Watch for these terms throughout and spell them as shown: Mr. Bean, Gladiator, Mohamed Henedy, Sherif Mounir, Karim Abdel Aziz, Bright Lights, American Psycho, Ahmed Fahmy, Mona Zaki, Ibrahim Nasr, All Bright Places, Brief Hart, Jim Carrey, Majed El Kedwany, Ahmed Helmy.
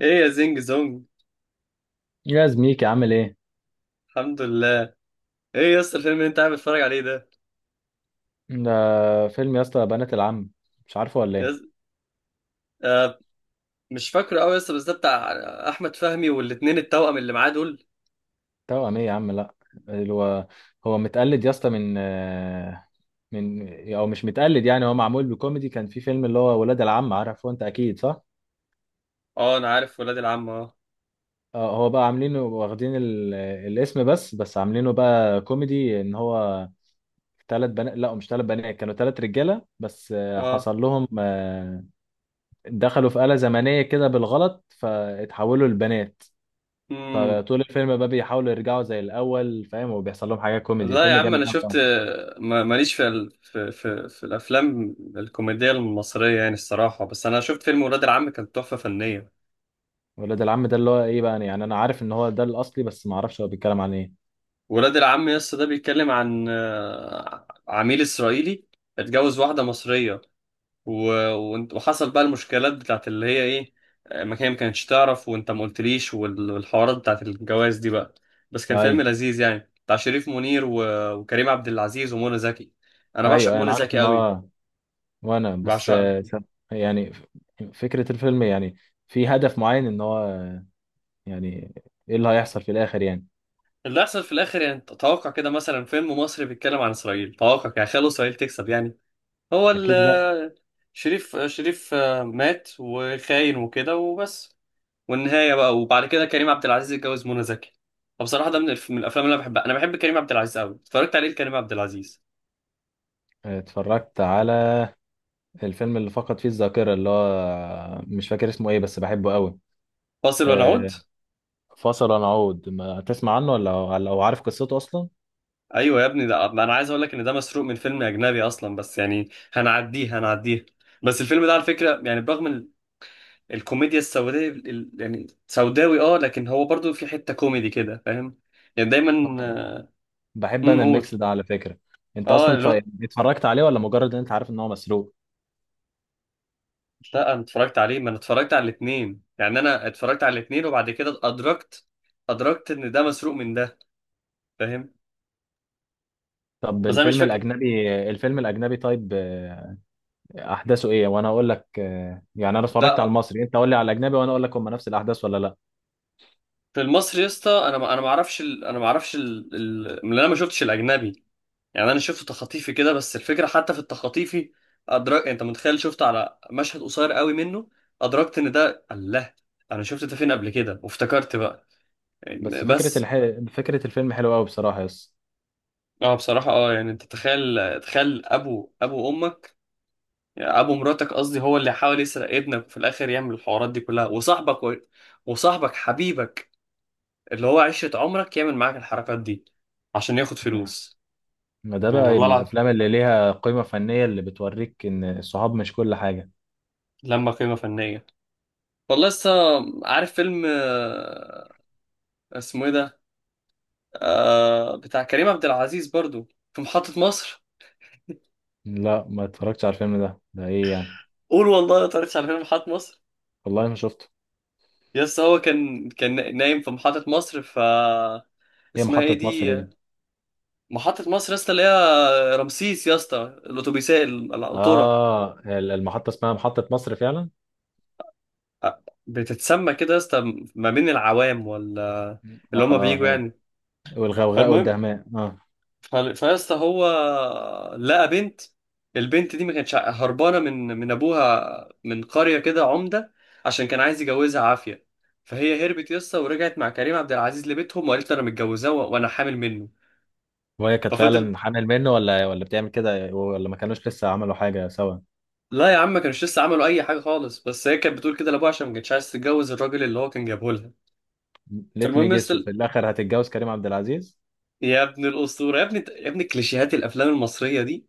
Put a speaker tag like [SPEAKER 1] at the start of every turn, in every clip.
[SPEAKER 1] ايه يا زينج زونج.
[SPEAKER 2] يا زميكي، عامل ايه؟
[SPEAKER 1] الحمد لله. ايه يا اسطى الفيلم اللي انت قاعد بتتفرج عليه ده؟
[SPEAKER 2] ده فيلم يا اسطى، بنات العم، مش عارفه ولا
[SPEAKER 1] يا
[SPEAKER 2] ايه؟
[SPEAKER 1] اسطى، آه مش فاكره قوي يا اسطى، بس ده بتاع احمد فهمي والاتنين التوأم اللي معاه دول.
[SPEAKER 2] توأم ايه يا عم؟ لا. هو هو متقلد يا اسطى، من من او مش متقلد. يعني هو معمول بكوميدي، كان في فيلم اللي هو ولاد العم، عارفه انت اكيد، صح؟
[SPEAKER 1] اه، انا عارف ولاد العم اه.
[SPEAKER 2] هو بقى عاملينه، واخدين الاسم، بس عاملينه بقى كوميدي ان هو 3 بنات. لا، مش 3 بنات، كانوا 3 رجاله. بس
[SPEAKER 1] اه.
[SPEAKER 2] حصل لهم دخلوا في آلة زمنيه كده بالغلط، فاتحولوا لبنات.
[SPEAKER 1] امم
[SPEAKER 2] فطول الفيلم بقى بيحاولوا يرجعوا زي الاول، فاهم، وبيحصل لهم حاجه كوميدي.
[SPEAKER 1] لا يا
[SPEAKER 2] الفيلم
[SPEAKER 1] عم،
[SPEAKER 2] جامد
[SPEAKER 1] انا
[SPEAKER 2] قوي
[SPEAKER 1] شفت.
[SPEAKER 2] يعني.
[SPEAKER 1] ماليش في ال... في... في في الافلام الكوميديه المصريه يعني الصراحه، بس انا شفت فيلم ولاد العم كان تحفه فنيه.
[SPEAKER 2] ولاد العم ده اللي هو ايه بقى يعني؟ انا عارف ان هو ده الاصلي، بس ما اعرفش هو بيتكلم عن ايه.
[SPEAKER 1] ولاد العم يا اسطى ده بيتكلم عن عميل اسرائيلي، اتجوز واحده مصريه و... وحصل بقى المشكلات بتاعت اللي هي ايه، ما كانتش تعرف وانت ما قلتليش، والحوارات بتاعت الجواز دي بقى. بس كان فيلم
[SPEAKER 2] ايوه.
[SPEAKER 1] لذيذ يعني، بتاع شريف منير وكريم عبد العزيز ومنى زكي. انا بعشق
[SPEAKER 2] ايوه انا
[SPEAKER 1] منى
[SPEAKER 2] عارف
[SPEAKER 1] زكي
[SPEAKER 2] ان
[SPEAKER 1] قوي،
[SPEAKER 2] هو. وانا بس
[SPEAKER 1] بعشقها.
[SPEAKER 2] يعني فكره الفيلم، يعني في هدف معين ان هو، يعني ايه اللي هيحصل في الاخر يعني؟
[SPEAKER 1] اللي حصل في الاخر يعني، توقع كده مثلا فيلم مصري بيتكلم عن اسرائيل، توقع يعني خلوا اسرائيل تكسب يعني؟ هو
[SPEAKER 2] اكيد لا.
[SPEAKER 1] ال شريف مات وخاين وكده وبس. والنهايه بقى وبعد كده كريم عبد العزيز اتجوز منى زكي. فبصراحه ده من الافلام اللي انا بحبها، انا بحب كريم عبد العزيز قوي، اتفرجت عليه كريم عبد العزيز.
[SPEAKER 2] اتفرجت على الفيلم اللي فقد فيه الذاكره، اللي هو مش فاكر اسمه ايه، بس بحبه قوي.
[SPEAKER 1] فاصل ونعود.
[SPEAKER 2] آه، فصل ونعود ما تسمع عنه ولا او عارف قصته اصلا؟
[SPEAKER 1] ايوه يا ابني، ده انا عايز اقول لك ان ده مسروق من فيلم اجنبي اصلا، بس يعني هنعديه هنعديه. بس الفيلم ده على فكره يعني، برغم الكوميديا السوداء يعني سوداوي اه، لكن هو برضو في حته كوميدي كده فاهم؟ يعني دايما.
[SPEAKER 2] بحب انا
[SPEAKER 1] قول.
[SPEAKER 2] الميكس ده على فكره. انت
[SPEAKER 1] اه،
[SPEAKER 2] اصلا
[SPEAKER 1] اللي هو.
[SPEAKER 2] اتفرجت عليه، ولا مجرد ان انت عارف ان هو مسروق؟
[SPEAKER 1] لا، انا اتفرجت عليه، ما انا اتفرجت على الاثنين يعني، انا اتفرجت على الاثنين وبعد كده ادركت. ان ده مسروق من ده، فاهم؟
[SPEAKER 2] طب
[SPEAKER 1] بس انا مش
[SPEAKER 2] الفيلم
[SPEAKER 1] فاكر.
[SPEAKER 2] الاجنبي، طيب، احداثه ايه؟ وانا اقول لك. يعني انا اتفرجت على
[SPEAKER 1] لا،
[SPEAKER 2] المصري، انت قول لي على الاجنبي وانا اقول لك هم نفس الاحداث ولا لا.
[SPEAKER 1] في المصري يا اسطى انا ما اعرفش ال... ال... من انا ما شفتش الاجنبي. يعني انا شفت تخاطيفي كده بس الفكره، حتى في التخاطيفي ادرك انت متخيل، شفت على مشهد قصير قوي منه، ادركت ان ده الله، انا شفت ده فين قبل كده؟ وافتكرت بقى يعني
[SPEAKER 2] بس
[SPEAKER 1] بس.
[SPEAKER 2] فكره الفيلم حلوه قوي بصراحه. يس.
[SPEAKER 1] اه بصراحه، اه يعني انت تخيل، تخيل ابو امك، يعني ابو مراتك قصدي، هو اللي حاول يسرق ابنك، وفي الاخر يعمل الحوارات دي كلها، وصاحبك حبيبك اللي هو عشرة عمرك يعمل معاك الحركات دي عشان ياخد
[SPEAKER 2] آه.
[SPEAKER 1] فلوس.
[SPEAKER 2] ما ده
[SPEAKER 1] يعني
[SPEAKER 2] بقى
[SPEAKER 1] والله العظيم
[SPEAKER 2] الافلام اللي ليها قيمه فنيه، اللي بتوريك ان الصحاب مش كل حاجه.
[SPEAKER 1] لما قيمة فنية، والله لسه. عارف فيلم اسمه ايه ده؟ بتاع كريم عبد العزيز برضو، في محطة مصر.
[SPEAKER 2] لا، ما اتفرجتش على الفيلم ده. ده ايه يعني؟
[SPEAKER 1] قول والله ما اتفرجتش على فيلم محطة مصر؟
[SPEAKER 2] والله ما شفته.
[SPEAKER 1] يس، هو كان نايم في محطة مصر ف،
[SPEAKER 2] هي
[SPEAKER 1] اسمها ايه
[SPEAKER 2] محطه مصر
[SPEAKER 1] دي؟
[SPEAKER 2] دي؟
[SPEAKER 1] محطة مصر يا اسطى، اللي هي رمسيس يا اسطى، الأتوبيسات القطورة.
[SPEAKER 2] اه، المحطه اسمها محطه مصر فعلا.
[SPEAKER 1] بتتسمى كده يا اسطى ما بين العوام ولا؟
[SPEAKER 2] اه.
[SPEAKER 1] اللي هما بييجوا
[SPEAKER 2] آه.
[SPEAKER 1] يعني.
[SPEAKER 2] والغوغاء
[SPEAKER 1] فالمهم،
[SPEAKER 2] والدهماء، اه.
[SPEAKER 1] فيا اسطى، هو لقى بنت، البنت دي ما كانتش هربانة من أبوها، من قرية كده عمدة، عشان كان عايز يجوزها عافية. فهي هربت يا اسطى ورجعت مع كريم عبد العزيز لبيتهم، وقالت له أنا متجوزاه وأنا حامل منه.
[SPEAKER 2] وهي كانت
[SPEAKER 1] ففضل.
[SPEAKER 2] فعلا حامل منه، ولا بتعمل كده، ولا ما كانوش لسه عملوا حاجه سوا؟
[SPEAKER 1] لا يا عم، ما كانش لسه عملوا اي حاجه خالص، بس هي كانت بتقول كده لابوها عشان ما كانتش عايز تتجوز الراجل اللي هو كان جابه لها.
[SPEAKER 2] ليت مي
[SPEAKER 1] فالمهم يا
[SPEAKER 2] جيس، وفي
[SPEAKER 1] اسطى-
[SPEAKER 2] الاخر هتتجوز كريم عبد العزيز.
[SPEAKER 1] يا ابن الاسطوره، يا ابن كليشيهات الافلام المصريه دي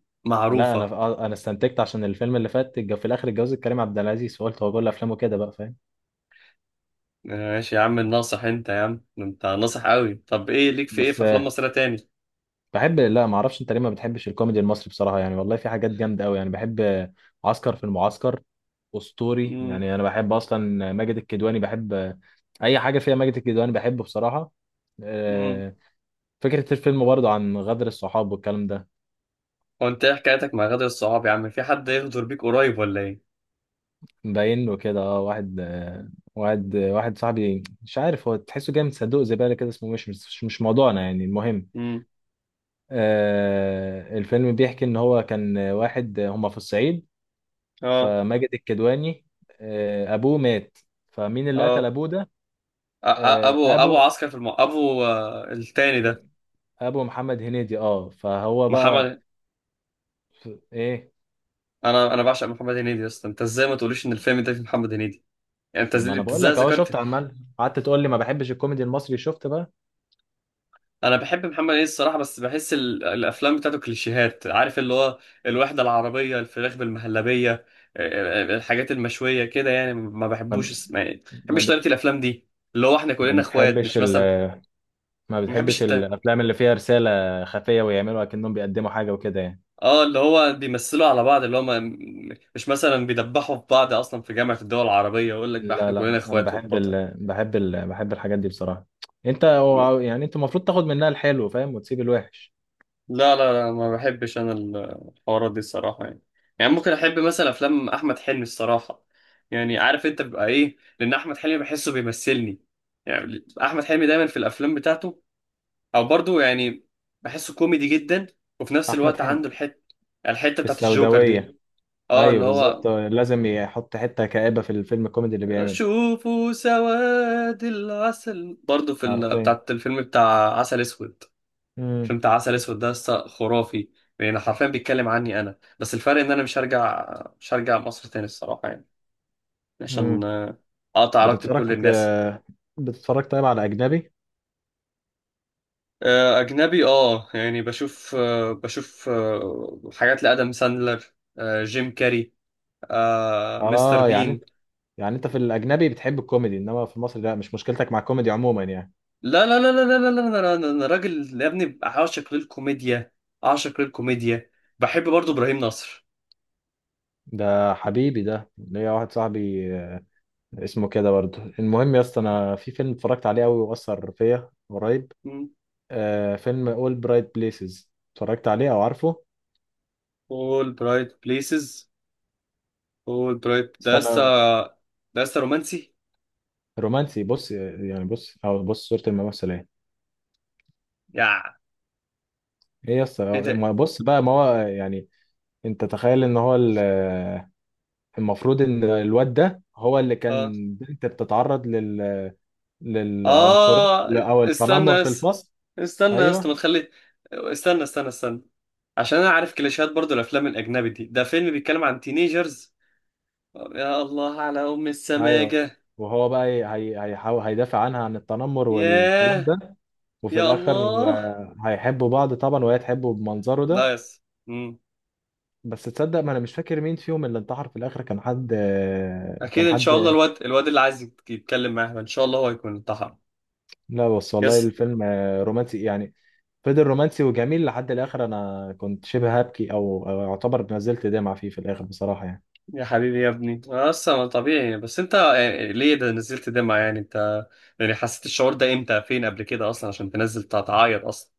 [SPEAKER 2] لا انا،
[SPEAKER 1] معروفه.
[SPEAKER 2] انا استنتجت عشان الفيلم اللي فات في الاخر اتجوزت كريم عبد العزيز، فقلت هو كل افلامه كده بقى، فاهم؟
[SPEAKER 1] ماشي يا عم الناصح، انت يا عم انت ناصح قوي. طب ايه ليك في ايه،
[SPEAKER 2] بس
[SPEAKER 1] في افلام مصريه تاني؟
[SPEAKER 2] بحب. لا، ما اعرفش انت ليه ما بتحبش الكوميدي المصري بصراحه، يعني والله في حاجات جامده قوي يعني. بحب عسكر في المعسكر، اسطوري
[SPEAKER 1] امم.
[SPEAKER 2] يعني. انا بحب اصلا ماجد الكدواني، بحب اي حاجه فيها ماجد الكدواني بحبه بصراحه.
[SPEAKER 1] امم.
[SPEAKER 2] آه، فكرة الفيلم برضه عن غدر الصحاب والكلام ده.
[SPEAKER 1] هو انت ايه حكايتك مع غادة الصعاب يا عم؟ في حد يغدر بيك قريب ولا ايه؟
[SPEAKER 2] باين له كده. اه واحد واحد صاحبي، مش عارف، هو تحسه جاي من صندوق زبالة كده. اسمه مش موضوعنا يعني. المهم
[SPEAKER 1] امم.
[SPEAKER 2] آه، الفيلم بيحكي ان هو كان واحد، هما في الصعيد.
[SPEAKER 1] اه.
[SPEAKER 2] فماجد الكدواني آه، ابوه مات. فمين اللي قتل
[SPEAKER 1] اه.
[SPEAKER 2] ابوه ده؟ آه،
[SPEAKER 1] ابو
[SPEAKER 2] ابو
[SPEAKER 1] عسكر في ابو التاني ده.
[SPEAKER 2] ابو محمد هنيدي، اه، فهو بقى
[SPEAKER 1] محمد.
[SPEAKER 2] ايه؟
[SPEAKER 1] انا بعشق محمد هنيدي يا اسطى، انت ازاي ما تقوليش ان الفيلم ده فيه محمد هنيدي؟ يعني انت
[SPEAKER 2] طب ما
[SPEAKER 1] ازاي
[SPEAKER 2] انا
[SPEAKER 1] أنت
[SPEAKER 2] بقول
[SPEAKER 1] إزاي
[SPEAKER 2] لك اهو، شفت؟
[SPEAKER 1] ذكرت.
[SPEAKER 2] عمال قعدت تقول لي ما بحبش الكوميدي المصري، شفت بقى؟
[SPEAKER 1] انا بحب محمد هنيدي الصراحه، بس بحس الافلام بتاعته كليشيهات، عارف اللي هو الوحده العربيه، الفراخ بالمهلبيه، الحاجات المشويه كده يعني، ما
[SPEAKER 2] ما
[SPEAKER 1] بحبوش يعني ما بحبش
[SPEAKER 2] ما
[SPEAKER 1] طريقه الافلام دي، اللي هو احنا
[SPEAKER 2] ما
[SPEAKER 1] كلنا اخوات،
[SPEAKER 2] بتحبش
[SPEAKER 1] مش مثلا
[SPEAKER 2] ما
[SPEAKER 1] ما بحبش
[SPEAKER 2] بتحبش
[SPEAKER 1] الت...
[SPEAKER 2] الافلام اللي فيها رساله خفيه، ويعملوا اكنهم بيقدموا حاجه وكده يعني؟
[SPEAKER 1] اه اللي هو بيمثلوا على بعض، اللي هو ما... مش مثلا بيدبحوا في بعض اصلا في جامعه الدول العربيه ويقول لك بقى
[SPEAKER 2] لا
[SPEAKER 1] احنا كلنا
[SPEAKER 2] لا، انا
[SPEAKER 1] اخوات
[SPEAKER 2] بحب
[SPEAKER 1] والبطل.
[SPEAKER 2] ال... بحب ال... بحب الحاجات دي بصراحه. انت يعني انت المفروض تاخد منها الحلو، فاهم، وتسيب الوحش.
[SPEAKER 1] لا لا لا، ما بحبش انا الحوارات دي الصراحه يعني ممكن احب مثلا افلام احمد حلمي الصراحه، يعني عارف انت بيبقى ايه، لان احمد حلمي بحسه بيمثلني يعني، احمد حلمي دايما في الافلام بتاعته او برضه يعني بحسه كوميدي جدا، وفي نفس
[SPEAKER 2] احمد
[SPEAKER 1] الوقت
[SPEAKER 2] حلمي
[SPEAKER 1] عنده الحته،
[SPEAKER 2] في
[SPEAKER 1] بتاعت الجوكر دي.
[SPEAKER 2] السوداويه.
[SPEAKER 1] اه اللي
[SPEAKER 2] ايوه
[SPEAKER 1] هو،
[SPEAKER 2] بالظبط، لازم يحط حته كآبه في الفيلم الكوميدي اللي بيعمله.
[SPEAKER 1] شوفوا سواد العسل برضه في
[SPEAKER 2] عارفين.
[SPEAKER 1] بتاعت الفيلم بتاع عسل اسود.
[SPEAKER 2] امم.
[SPEAKER 1] فيلم بتاع عسل اسود ده لسه خرافي، يعني حرفيا بيتكلم عني انا، بس الفرق ان انا مش هرجع مصر تاني الصراحه يعني،
[SPEAKER 2] امم.
[SPEAKER 1] عشان اقطع علاقتي بكل
[SPEAKER 2] بتتفرج
[SPEAKER 1] الناس.
[SPEAKER 2] بتتفرج طيب على اجنبي؟
[SPEAKER 1] اجنبي اه، يعني بشوف حاجات لادم ساندلر، جيم كاري، مستر
[SPEAKER 2] اه يعني انت،
[SPEAKER 1] بين.
[SPEAKER 2] يعني انت في الاجنبي بتحب الكوميدي، انما في مصر لا؟ مش مشكلتك مع الكوميدي عموما يعني؟
[SPEAKER 1] لا لا لا لا لا لا لا لا لا، انا راجل يا ابني، عاشق للكوميديا، عاشق للكوميديا. بحب برضو ابراهيم نصر.
[SPEAKER 2] ده حبيبي، ده ليا واحد صاحبي اسمه كده برضه. المهم يا اسطى، انا في فيلم اتفرجت عليه قوي واثر فيا قريب.
[SPEAKER 1] مم.
[SPEAKER 2] آه، فيلم اول برايت بليسز، اتفرجت عليه او عارفه؟
[SPEAKER 1] all bright places. اول برايت ده لسه،
[SPEAKER 2] استنى.
[SPEAKER 1] رومانسي.
[SPEAKER 2] رومانسي. بص يعني، بص او بص صورة الممثل. ايه؟
[SPEAKER 1] يا،
[SPEAKER 2] ايه يا اسطى؟
[SPEAKER 1] ايه ده؟
[SPEAKER 2] ما بص بقى، ما هو يعني، انت تخيل ان هو المفروض ان الواد ده هو اللي
[SPEAKER 1] اه.
[SPEAKER 2] كان بنت بتتعرض للعنصرية
[SPEAKER 1] اه.
[SPEAKER 2] او التنمر
[SPEAKER 1] استنى
[SPEAKER 2] في
[SPEAKER 1] بس
[SPEAKER 2] الفصل.
[SPEAKER 1] استنى بس ما
[SPEAKER 2] ايوه،
[SPEAKER 1] تخلي. استنى، عشان انا عارف كليشيهات برضو الافلام الاجنبي دي، ده فيلم بيتكلم عن تينيجرز. يا الله على ام
[SPEAKER 2] ايوه.
[SPEAKER 1] السماجه.
[SPEAKER 2] وهو بقى هيحاول هيدافع عنها عن التنمر والكلام
[SPEAKER 1] ياه.
[SPEAKER 2] ده. وفي
[SPEAKER 1] يا
[SPEAKER 2] الاخر
[SPEAKER 1] الله.
[SPEAKER 2] هيحبوا بعض طبعا، وهي تحبه بمنظره ده.
[SPEAKER 1] لا. يس. مم.
[SPEAKER 2] بس تصدق، ما انا مش فاكر مين فيهم اللي انتحر في الاخر. كان حد آه،
[SPEAKER 1] اكيد
[SPEAKER 2] كان
[SPEAKER 1] ان شاء الله،
[SPEAKER 2] حد
[SPEAKER 1] الواد اللي عايز يتكلم معاه ان شاء الله هو هيكون انتحر.
[SPEAKER 2] لا بس والله
[SPEAKER 1] يس.
[SPEAKER 2] الفيلم رومانسي يعني، فضل رومانسي وجميل لحد الاخر. انا كنت شبه هبكي، او اعتبر نزلت دمعة فيه في الاخر بصراحة يعني.
[SPEAKER 1] يا حبيبي يا ابني، أنا اصلا طبيعي، بس انت يعني ليه ده نزلت دمعة يعني انت؟ يعني حسيت الشعور ده امتى، فين قبل كده اصلا عشان تنزل تعيط اصلا؟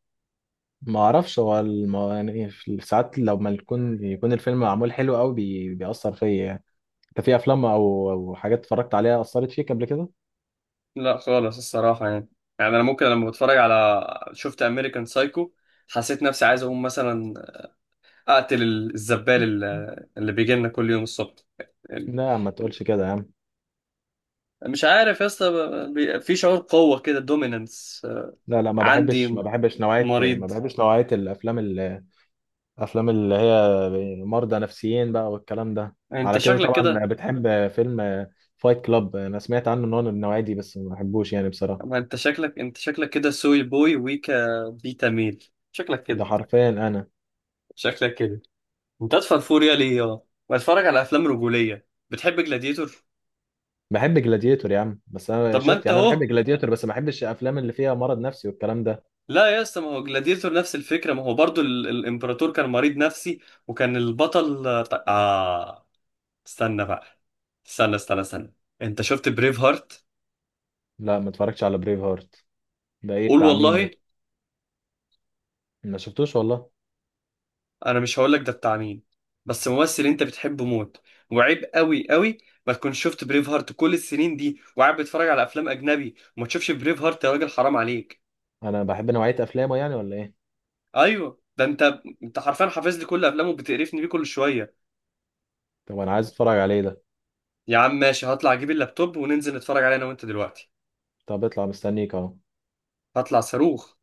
[SPEAKER 2] ما اعرفش، هو يعني في ساعات لما يكون الفيلم معمول حلو قوي، بيأثر فيا يعني. انت في افلام او حاجات اتفرجت عليها اثرت فيك قبل كده؟
[SPEAKER 1] لا خالص الصراحة يعني. يعني انا ممكن لما بتفرج على، شفت امريكان سايكو، حسيت نفسي عايز اقوم مثلا اقتل الزبال اللي بيجي لنا كل يوم الصبح يعني.
[SPEAKER 2] لا ما تقولش كده يا عم.
[SPEAKER 1] مش عارف يا اسطى، في شعور قوة كده دوميننس.
[SPEAKER 2] لا لا،
[SPEAKER 1] عندي،
[SPEAKER 2] ما
[SPEAKER 1] مريض.
[SPEAKER 2] بحبش نوعية الافلام الافلام اللي هي مرضى نفسيين بقى والكلام ده.
[SPEAKER 1] انت
[SPEAKER 2] على كده
[SPEAKER 1] شكلك
[SPEAKER 2] طبعا
[SPEAKER 1] كده.
[SPEAKER 2] بتحب فيلم فايت كلاب. انا سمعت عنه ان هو من النوعية دي بس ما بحبوش يعني بصراحة.
[SPEAKER 1] ما انت شكلك، كده سوي بوي ويكا، بيتا ميل، شكلك
[SPEAKER 2] ده
[SPEAKER 1] كده،
[SPEAKER 2] حرفيا انا.
[SPEAKER 1] شكلك كده. انت ادفع فوريا ليه يا؟ بتفرج على افلام رجوليه، بتحب جلاديتور؟
[SPEAKER 2] بحب جلاديتور يا عم، بس انا
[SPEAKER 1] طب ما
[SPEAKER 2] شفت،
[SPEAKER 1] انت
[SPEAKER 2] يعني انا بحب
[SPEAKER 1] اهو.
[SPEAKER 2] جلاديتور بس ما بحبش الافلام اللي فيها مرض نفسي والكلام ده.
[SPEAKER 1] لا يا اسطى، ما هو جلاديتور نفس الفكره، ما هو برضو الامبراطور كان مريض نفسي، وكان البطل اه. استنى بقى، استنى. انت شفت بريف هارت؟
[SPEAKER 2] لا ما اتفرجتش على بريف هارت. ده ايه؟
[SPEAKER 1] قول
[SPEAKER 2] بتاع مين
[SPEAKER 1] والله.
[SPEAKER 2] ده؟ ما شفتوش والله.
[SPEAKER 1] انا مش هقولك ده بتاع مين، بس ممثل انت بتحبه موت، وعيب قوي قوي ما تكونش شفت بريف هارت كل السنين دي وقاعد بتتفرج على افلام اجنبي وما تشوفش بريف هارت، يا راجل حرام عليك.
[SPEAKER 2] انا بحب نوعية افلامه يعني، ولا ايه؟
[SPEAKER 1] ايوه، ده انت، حرفيا حافظ لي كل افلامه وبتقرفني بيه كل شويه.
[SPEAKER 2] طب انا عايز اتفرج عليه ده.
[SPEAKER 1] يا عم ماشي، هطلع اجيب اللابتوب وننزل نتفرج عليه انا وانت دلوقتي.
[SPEAKER 2] طب اطلع، مستنيك اهو.
[SPEAKER 1] هطلع صاروخ.